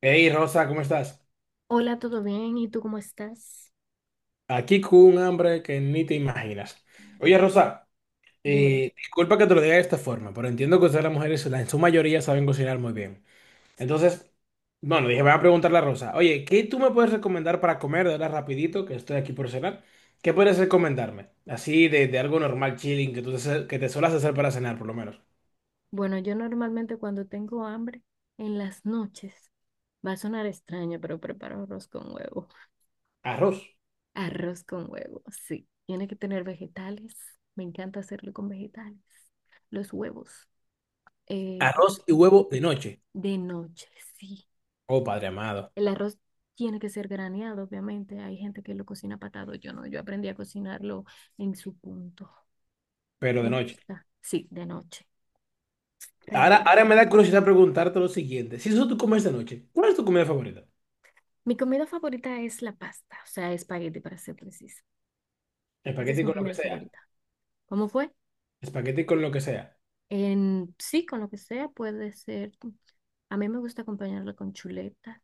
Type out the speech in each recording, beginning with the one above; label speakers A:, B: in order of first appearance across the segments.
A: Hey Rosa, ¿cómo estás?
B: Hola, ¿todo bien? ¿Y tú cómo estás?
A: Aquí con un hambre que ni te imaginas. Oye Rosa,
B: Dímelo.
A: disculpa que te lo diga de esta forma, pero entiendo que ustedes las mujeres en su mayoría saben cocinar muy bien. Entonces, bueno, dije, voy a preguntarle a Rosa, oye, ¿qué tú me puedes recomendar para comer de ahora rapidito, que estoy aquí por cenar? ¿Qué puedes recomendarme? Así de algo normal, chilling, que te suelas hacer para cenar, por lo menos.
B: Bueno, yo normalmente cuando tengo hambre en las noches, va a sonar extraño, pero preparo arroz con huevo.
A: Arroz.
B: Arroz con huevo, sí. Tiene que tener vegetales. Me encanta hacerlo con vegetales. Los huevos. eh,
A: Arroz y huevo de noche.
B: de noche, sí.
A: Oh, padre amado,
B: El arroz tiene que ser graneado, obviamente. Hay gente que lo cocina patado. Yo no, yo aprendí a cocinarlo en su punto.
A: pero
B: Me
A: de noche.
B: gusta. Sí, de noche.
A: Ahora,
B: Real.
A: ahora me da curiosidad preguntarte lo siguiente. Si eso tú comes de noche, ¿cuál es tu comida favorita?
B: Mi comida favorita es la pasta, o sea, espagueti para ser precisa. Esa es
A: Espagueti
B: mi
A: con lo que
B: comida
A: sea.
B: favorita. ¿Cómo fue?
A: Espagueti con lo que sea.
B: En, sí, con lo que sea, puede ser. A mí me gusta acompañarla con chuletas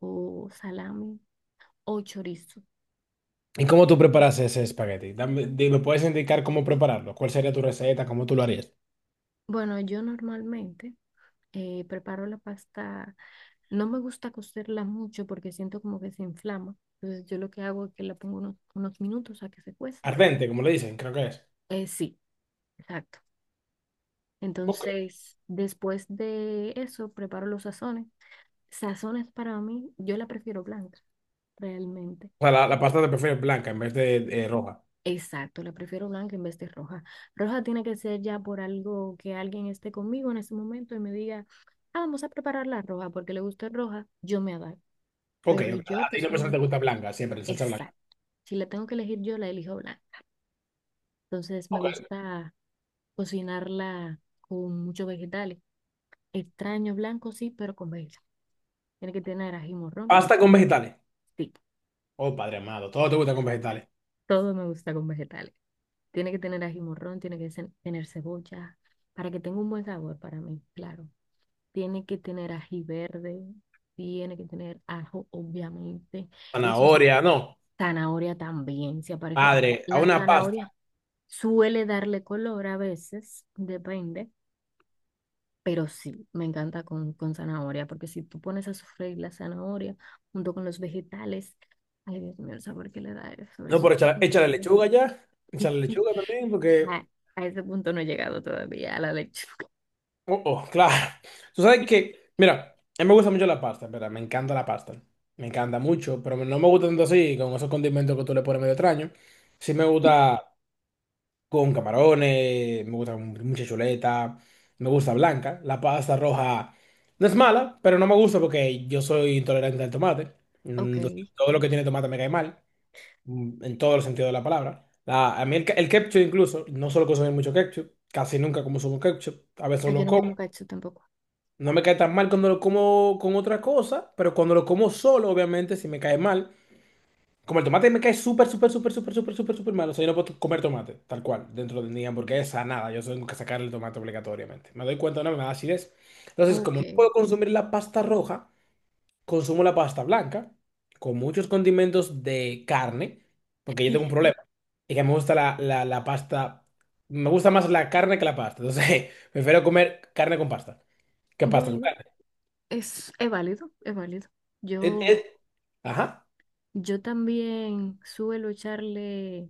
B: o salami o chorizo.
A: ¿Y cómo tú preparas ese espagueti? ¿Me puedes indicar cómo prepararlo? ¿Cuál sería tu receta? ¿Cómo tú lo harías?
B: Bueno, yo normalmente preparo la pasta. No me gusta cocerla mucho porque siento como que se inflama. Entonces yo lo que hago es que la pongo unos minutos a que se cueza.
A: Ardente, como le dicen, creo que es.
B: Sí, exacto.
A: Ok.
B: Entonces, después de eso, preparo los sazones. Sazones para mí, yo la prefiero blanca, realmente.
A: O sea, la pasta te prefieres blanca en vez de roja.
B: Exacto, la prefiero blanca en vez de roja. Roja tiene que ser ya por algo que alguien esté conmigo en ese momento y me diga, ah, vamos a preparar la roja porque le gusta roja, yo me adapto.
A: Ok,
B: Pero
A: ok.
B: yo
A: A ti no persona
B: personal,
A: te gusta blanca, siempre, la salsa blanca.
B: exacto. Si la tengo que elegir yo, la elijo blanca. Entonces me
A: Ok.
B: gusta cocinarla con muchos vegetales. Extraño blanco, sí, pero con vegetales. Tiene que tener ají morrón,
A: Pasta con vegetales.
B: sí.
A: Oh, padre amado, todo te gusta con vegetales.
B: Todo me gusta con vegetales. Tiene que tener ají morrón, tiene que tener cebolla, para que tenga un buen sabor para mí, claro. Tiene que tener ají verde, tiene que tener ajo, obviamente. Eso es
A: Zanahoria, no.
B: zanahoria también, se aparece.
A: Padre, a
B: La
A: una
B: zanahoria
A: pasta.
B: suele darle color a veces, depende, pero sí, me encanta con zanahoria, porque si tú pones a sofreír la zanahoria junto con los vegetales, ay Dios mío, el sabor que le da eso,
A: No,
B: eso
A: pero
B: es
A: échale, échale
B: increíble.
A: lechuga ya. Echa lechuga también, porque…
B: A, a ese punto no he llegado todavía, a la lechuga.
A: Oh, oh, claro. Tú sabes que, mira, a mí me gusta mucho la pasta, ¿verdad? Me encanta la pasta. Me encanta mucho, pero no me gusta tanto así, con esos condimentos que tú le pones medio extraño. Sí me gusta con camarones, me gusta con mucha chuleta, me gusta blanca. La pasta roja no es mala, pero no me gusta porque yo soy intolerante al tomate.
B: Ok.
A: Entonces, todo lo que tiene tomate me cae mal, en todos los sentidos de la palabra. A mí el ketchup incluso, no solo consumir mucho ketchup, casi nunca consumo ketchup, a
B: Ah,
A: veces
B: yo
A: lo
B: no
A: como.
B: como cacho tampoco.
A: No me cae tan mal cuando lo como con otra cosa, pero cuando lo como solo, obviamente, si me cae mal. Como el tomate me cae súper, súper, súper, súper, súper, súper, súper mal. O sea, yo no puedo comer tomate, tal cual, dentro de mi hamburguesa, nada. Yo tengo que sacar el tomate obligatoriamente. Me doy cuenta, no me da acidez. Entonces, como
B: Ok.
A: no puedo consumir la pasta roja, consumo la pasta blanca con muchos condimentos de carne, porque yo tengo un problema. Y que me gusta la pasta, me gusta más la carne que la pasta. Entonces, prefiero comer carne con pasta que pasta con
B: Bueno,
A: carne.
B: es válido, es válido.
A: Es-
B: Yo,
A: es- Ajá.
B: yo también suelo echarle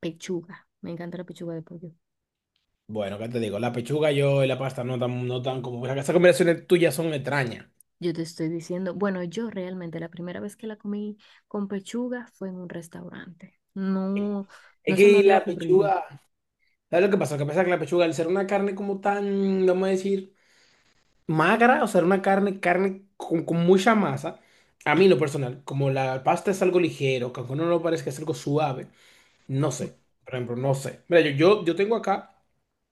B: pechuga. Me encanta la pechuga de pollo.
A: Bueno, ¿qué te digo? La pechuga yo y la pasta no tan, no tan como… Esas combinaciones tuyas son extrañas.
B: Yo te estoy diciendo, bueno, yo realmente la primera vez que la comí con pechuga fue en un restaurante. No,
A: Es
B: no se me
A: que
B: había
A: la
B: ocurrido.
A: pechuga, ¿sabes lo que pasa? Lo que pasa es que la pechuga, al ser una carne como tan, vamos a decir, magra, o sea, una carne, carne con mucha masa, a mí en lo personal, como la pasta es algo ligero, que aunque uno no lo parezca es algo suave, no
B: O-
A: sé, por ejemplo, no sé. Mira, yo tengo acá,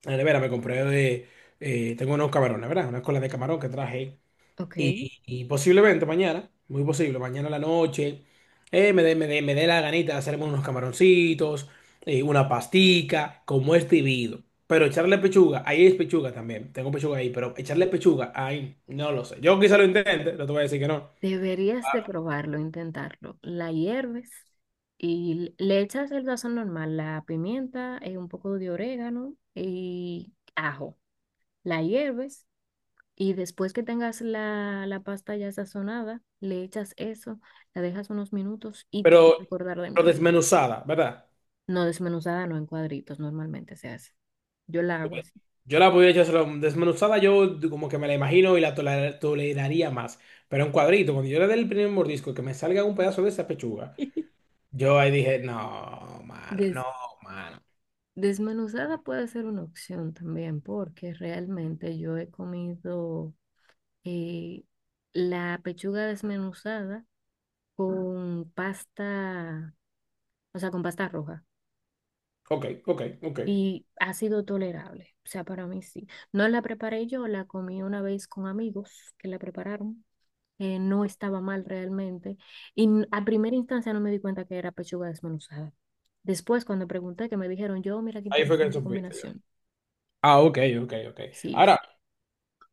A: en la nevera me compré, de, tengo unos camarones, ¿verdad? Una cola de camarón que traje.
B: Ok.
A: Y posiblemente mañana, muy posible, mañana a la noche, me dé la ganita de hacerme unos camaroncitos, una pastica, como es debido. Pero echarle pechuga, ahí es pechuga también, tengo pechuga ahí, pero echarle pechuga, ahí, no lo sé. Yo quizá lo intente, no te voy a decir que no,
B: Deberías de probarlo, intentarlo. La hierves y le echas el sazón normal, la pimienta, un poco de orégano y ajo. La hierves y después que tengas la pasta ya sazonada, le echas eso, la dejas unos minutos y te vas
A: pero,
B: a acordar de
A: pero
B: mí.
A: desmenuzada, ¿verdad?
B: No desmenuzada, no en cuadritos, normalmente se hace. Yo la hago así.
A: Yo la podría echárselo desmenuzada, yo como que me la imagino y la toleraría más. Pero en cuadrito, cuando yo le dé el primer mordisco, que me salga un pedazo de esa pechuga. Yo ahí dije, no, mano,
B: Des-
A: no, mano.
B: Desmenuzada puede ser una opción también porque realmente yo he comido eh, la pechuga desmenuzada con pasta, o sea, con pasta roja.
A: Ok, ok, ok.
B: Y ha sido tolerable, o sea, para mí sí. No la preparé yo, la comí una vez con amigos que la prepararon. No estaba mal realmente. Y a primera instancia no me di cuenta que era pechuga desmenuzada. Después, cuando pregunté, que me dijeron, yo, mira qué
A: Ahí fue que
B: interesante
A: supiste yo.
B: combinación.
A: Ah, ok, ok, ok.
B: Sí,
A: Ahora,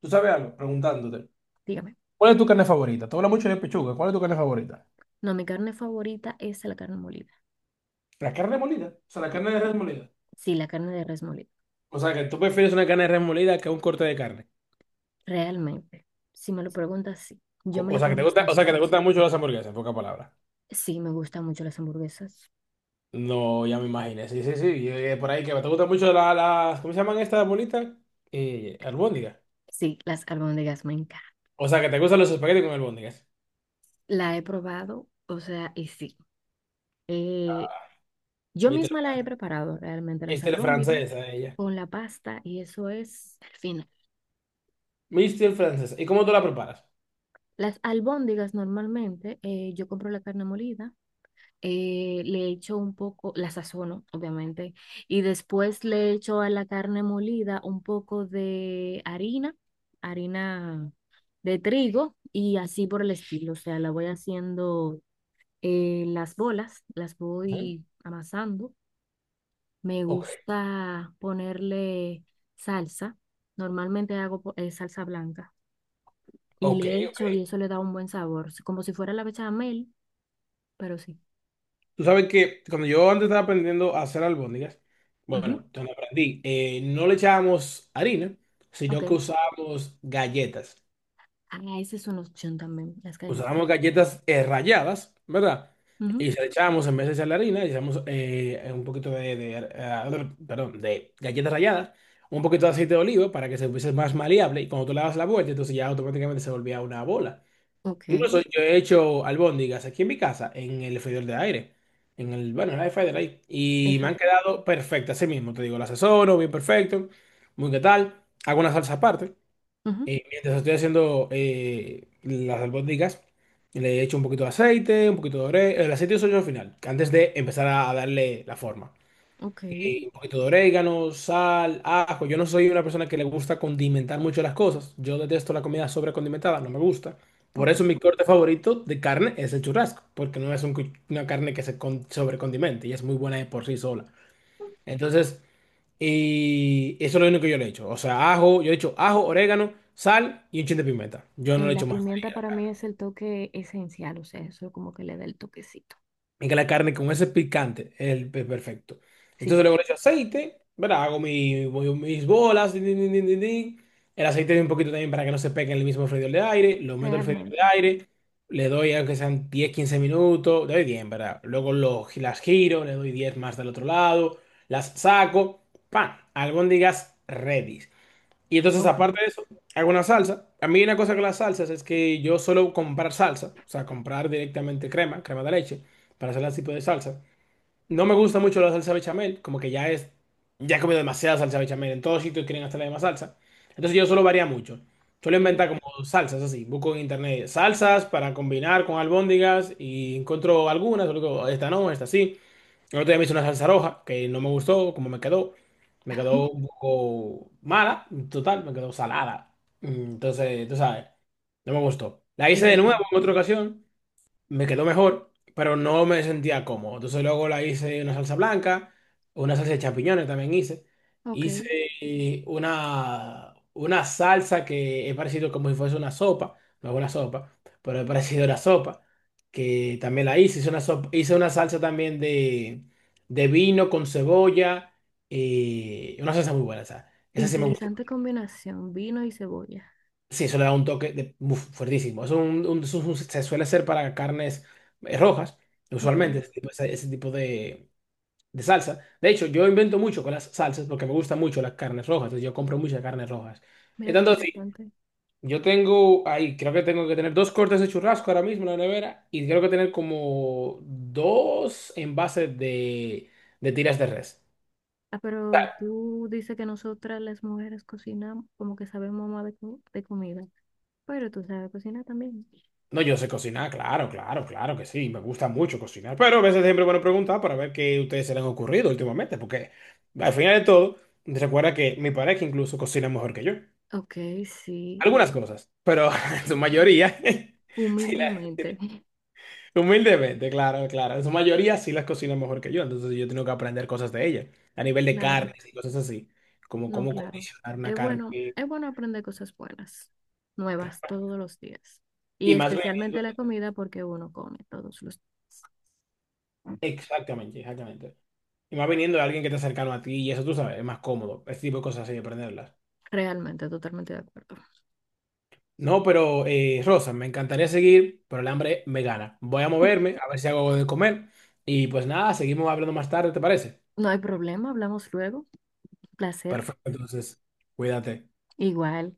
A: tú sabes algo, preguntándote,
B: dígame.
A: ¿cuál es tu carne favorita? Tú hablas mucho de pechuga, ¿cuál es tu carne favorita?
B: No, mi carne favorita es la carne molida.
A: La carne molida, o sea, la
B: Sí,
A: carne de res molida.
B: sí, la carne de res molida.
A: O sea, que tú prefieres una carne de res molida que un corte de carne.
B: Realmente, si me lo preguntas, sí. Yo me
A: O
B: la
A: sea, que
B: como
A: te gusta,
B: hasta
A: o sea, que te
B: sola.
A: gustan mucho las hamburguesas, en pocas palabras.
B: Sí, me gustan mucho las hamburguesas.
A: No, ya me imaginé, sí, sí, sí, y, por ahí que te gustan mucho las, ¿cómo se llaman estas bolitas? Albóndigas.
B: Sí, las albóndigas me encantan.
A: O sea, que te gustan los espaguetis con albóndigas.
B: La he probado, o sea, y sí. Eh, yo misma la he preparado realmente, las
A: Este es
B: albóndigas
A: francesa, ella.
B: con la pasta y eso es al final.
A: Mister francesa. ¿Y cómo tú la preparas?
B: Las albóndigas normalmente, yo compro la carne molida, le echo un poco, la sazono, obviamente, y después le echo a la carne molida un poco de harina, harina de trigo y así por el estilo. O sea, la voy haciendo las bolas, las
A: Ujú.
B: voy amasando. Me
A: Ok,
B: gusta ponerle salsa. Normalmente hago salsa blanca y
A: ok,
B: le
A: ok.
B: echo y eso le da un buen sabor, como si fuera la bechamel, pero sí.
A: Tú sabes que cuando yo antes estaba aprendiendo a hacer albóndigas,
B: Ujú.
A: bueno, cuando aprendí, no le echábamos harina,
B: Ok.
A: sino que usábamos galletas.
B: Ah, esa es una opción también, las galletas.
A: Usábamos galletas ralladas, ¿verdad?
B: Ujú.
A: Y se le echábamos, en vez de echarle harina, le echábamos un poquito de, perdón, de galletas ralladas, un poquito de aceite de oliva para que se fuese más maleable. Y cuando tú le das la vuelta, entonces ya automáticamente se volvía una bola.
B: Ok.
A: Incluso yo he hecho albóndigas aquí en mi casa, en el freidor de aire, en el, bueno, en el air fryer ahí. Y me han
B: Exacto.
A: quedado perfectas, así mismo, te digo, las asesoro, bien perfecto, muy qué tal. Hago una salsa aparte.
B: Ujú.
A: Y mientras estoy haciendo las albóndigas, le echo un poquito de aceite, un poquito de orégano. El aceite uso yo al final, antes de empezar a darle la forma
B: Ok,
A: un poquito de orégano, sal, ajo. Yo no soy una persona que le gusta condimentar mucho las cosas. Yo detesto la comida sobrecondimentada, no me gusta. Por
B: ok.
A: eso mi corte favorito de carne es el churrasco, porque no es un una carne que sobrecondimente y es muy buena de por sí sola. Entonces, y eso es lo único que yo le echo. O sea, ajo, yo le echo ajo, orégano, sal y un chin de pimienta. Yo no le
B: La
A: echo más.
B: pimienta para mí es el toque esencial, o sea, eso como que le da el toquecito.
A: Y que la carne con ese picante es el perfecto. Entonces
B: Sí.
A: luego le echo aceite, ¿verdad? Hago mis bolas, din, din, din, din, din, din. El aceite un poquito también para que no se pegue en el mismo freidor de aire. Lo meto al freidor de
B: Realmente.
A: aire, le doy aunque sean 10 15 minutos, le doy 10, ¿verdad? Luego lo, las giro, le doy 10 más del otro lado, las saco, ¡pam! Albóndigas ready. Y entonces,
B: Ok,
A: aparte de eso, hago una salsa. A mí una cosa con las salsas es que yo suelo comprar salsa, o sea, comprar directamente crema, crema de leche, para hacer ese tipo de salsa. No me gusta mucho la salsa bechamel, como que ya es, ya he comido demasiada salsa bechamel, en todos sitios quieren hacer la misma salsa. Entonces yo suelo variar mucho. Suelo
B: sí.
A: inventar como salsas así, busco en internet salsas para combinar con albóndigas y encuentro algunas, luego esta no, esta sí. El otro día me hice una salsa roja que no me gustó como me quedó. Me quedó un poco mala, total, me quedó salada. Mm, Entonces, tú sabes, no me gustó. La
B: Ey,
A: hice de nuevo
B: oye,
A: en otra ocasión, me quedó mejor, pero no me sentía cómodo. Entonces luego la hice una salsa blanca, una salsa de champiñones también hice.
B: ok,
A: Hice una salsa que he parecido como si fuese una sopa, no es una sopa, pero he parecido una sopa, que también la hice. Hice una, hice una salsa también de vino con cebolla, y una salsa muy buena, esa. Esa sí me gustó.
B: interesante combinación, vino y cebolla.
A: Sí, eso le da un toque de, uf, fuertísimo. Es es se suele hacer para carnes rojas,
B: Ok,
A: usualmente, ese tipo, ese tipo de salsa. De hecho, yo invento mucho con las salsas porque me gustan mucho las carnes rojas, entonces yo compro muchas carnes rojas. Y
B: mira qué
A: tanto así,
B: interesante.
A: yo tengo ahí, creo que tengo que tener dos cortes de churrasco ahora mismo en la nevera y creo que tener como dos envases de tiras de res.
B: Ah, pero tú dices que nosotras las mujeres cocinamos, como que sabemos más de, de comida, pero tú sabes cocinar también.
A: No, yo sé cocinar, claro, claro, claro que sí, me gusta mucho cocinar, pero a veces siempre es bueno preguntar para ver qué ustedes se les han ocurrido últimamente, porque al final de todo, recuerda que mi pareja incluso cocina mejor que yo,
B: Ok, sí,
A: algunas cosas, pero en su mayoría, sí
B: humildemente.
A: humildemente, claro, claro, en su mayoría sí las cocina mejor que yo, entonces yo tengo que aprender cosas de ella, a nivel de
B: Claro,
A: carnes y cosas así, como
B: no,
A: cómo
B: claro.
A: condicionar una carne
B: Es bueno aprender cosas buenas, nuevas todos los días. Y
A: y más bien,
B: especialmente la comida porque uno come todos los días.
A: exactamente, exactamente. Y más viniendo de alguien que está cercano a ti y eso tú sabes, es más cómodo. Ese tipo de cosas así de aprenderlas.
B: Realmente, totalmente de acuerdo.
A: No, pero Rosa, me encantaría seguir, pero el hambre me gana. Voy a moverme, a ver si hago algo de comer. Y pues nada, seguimos hablando más tarde, ¿te parece?
B: No hay problema, hablamos luego. Placer.
A: Perfecto, entonces, cuídate.
B: Igual.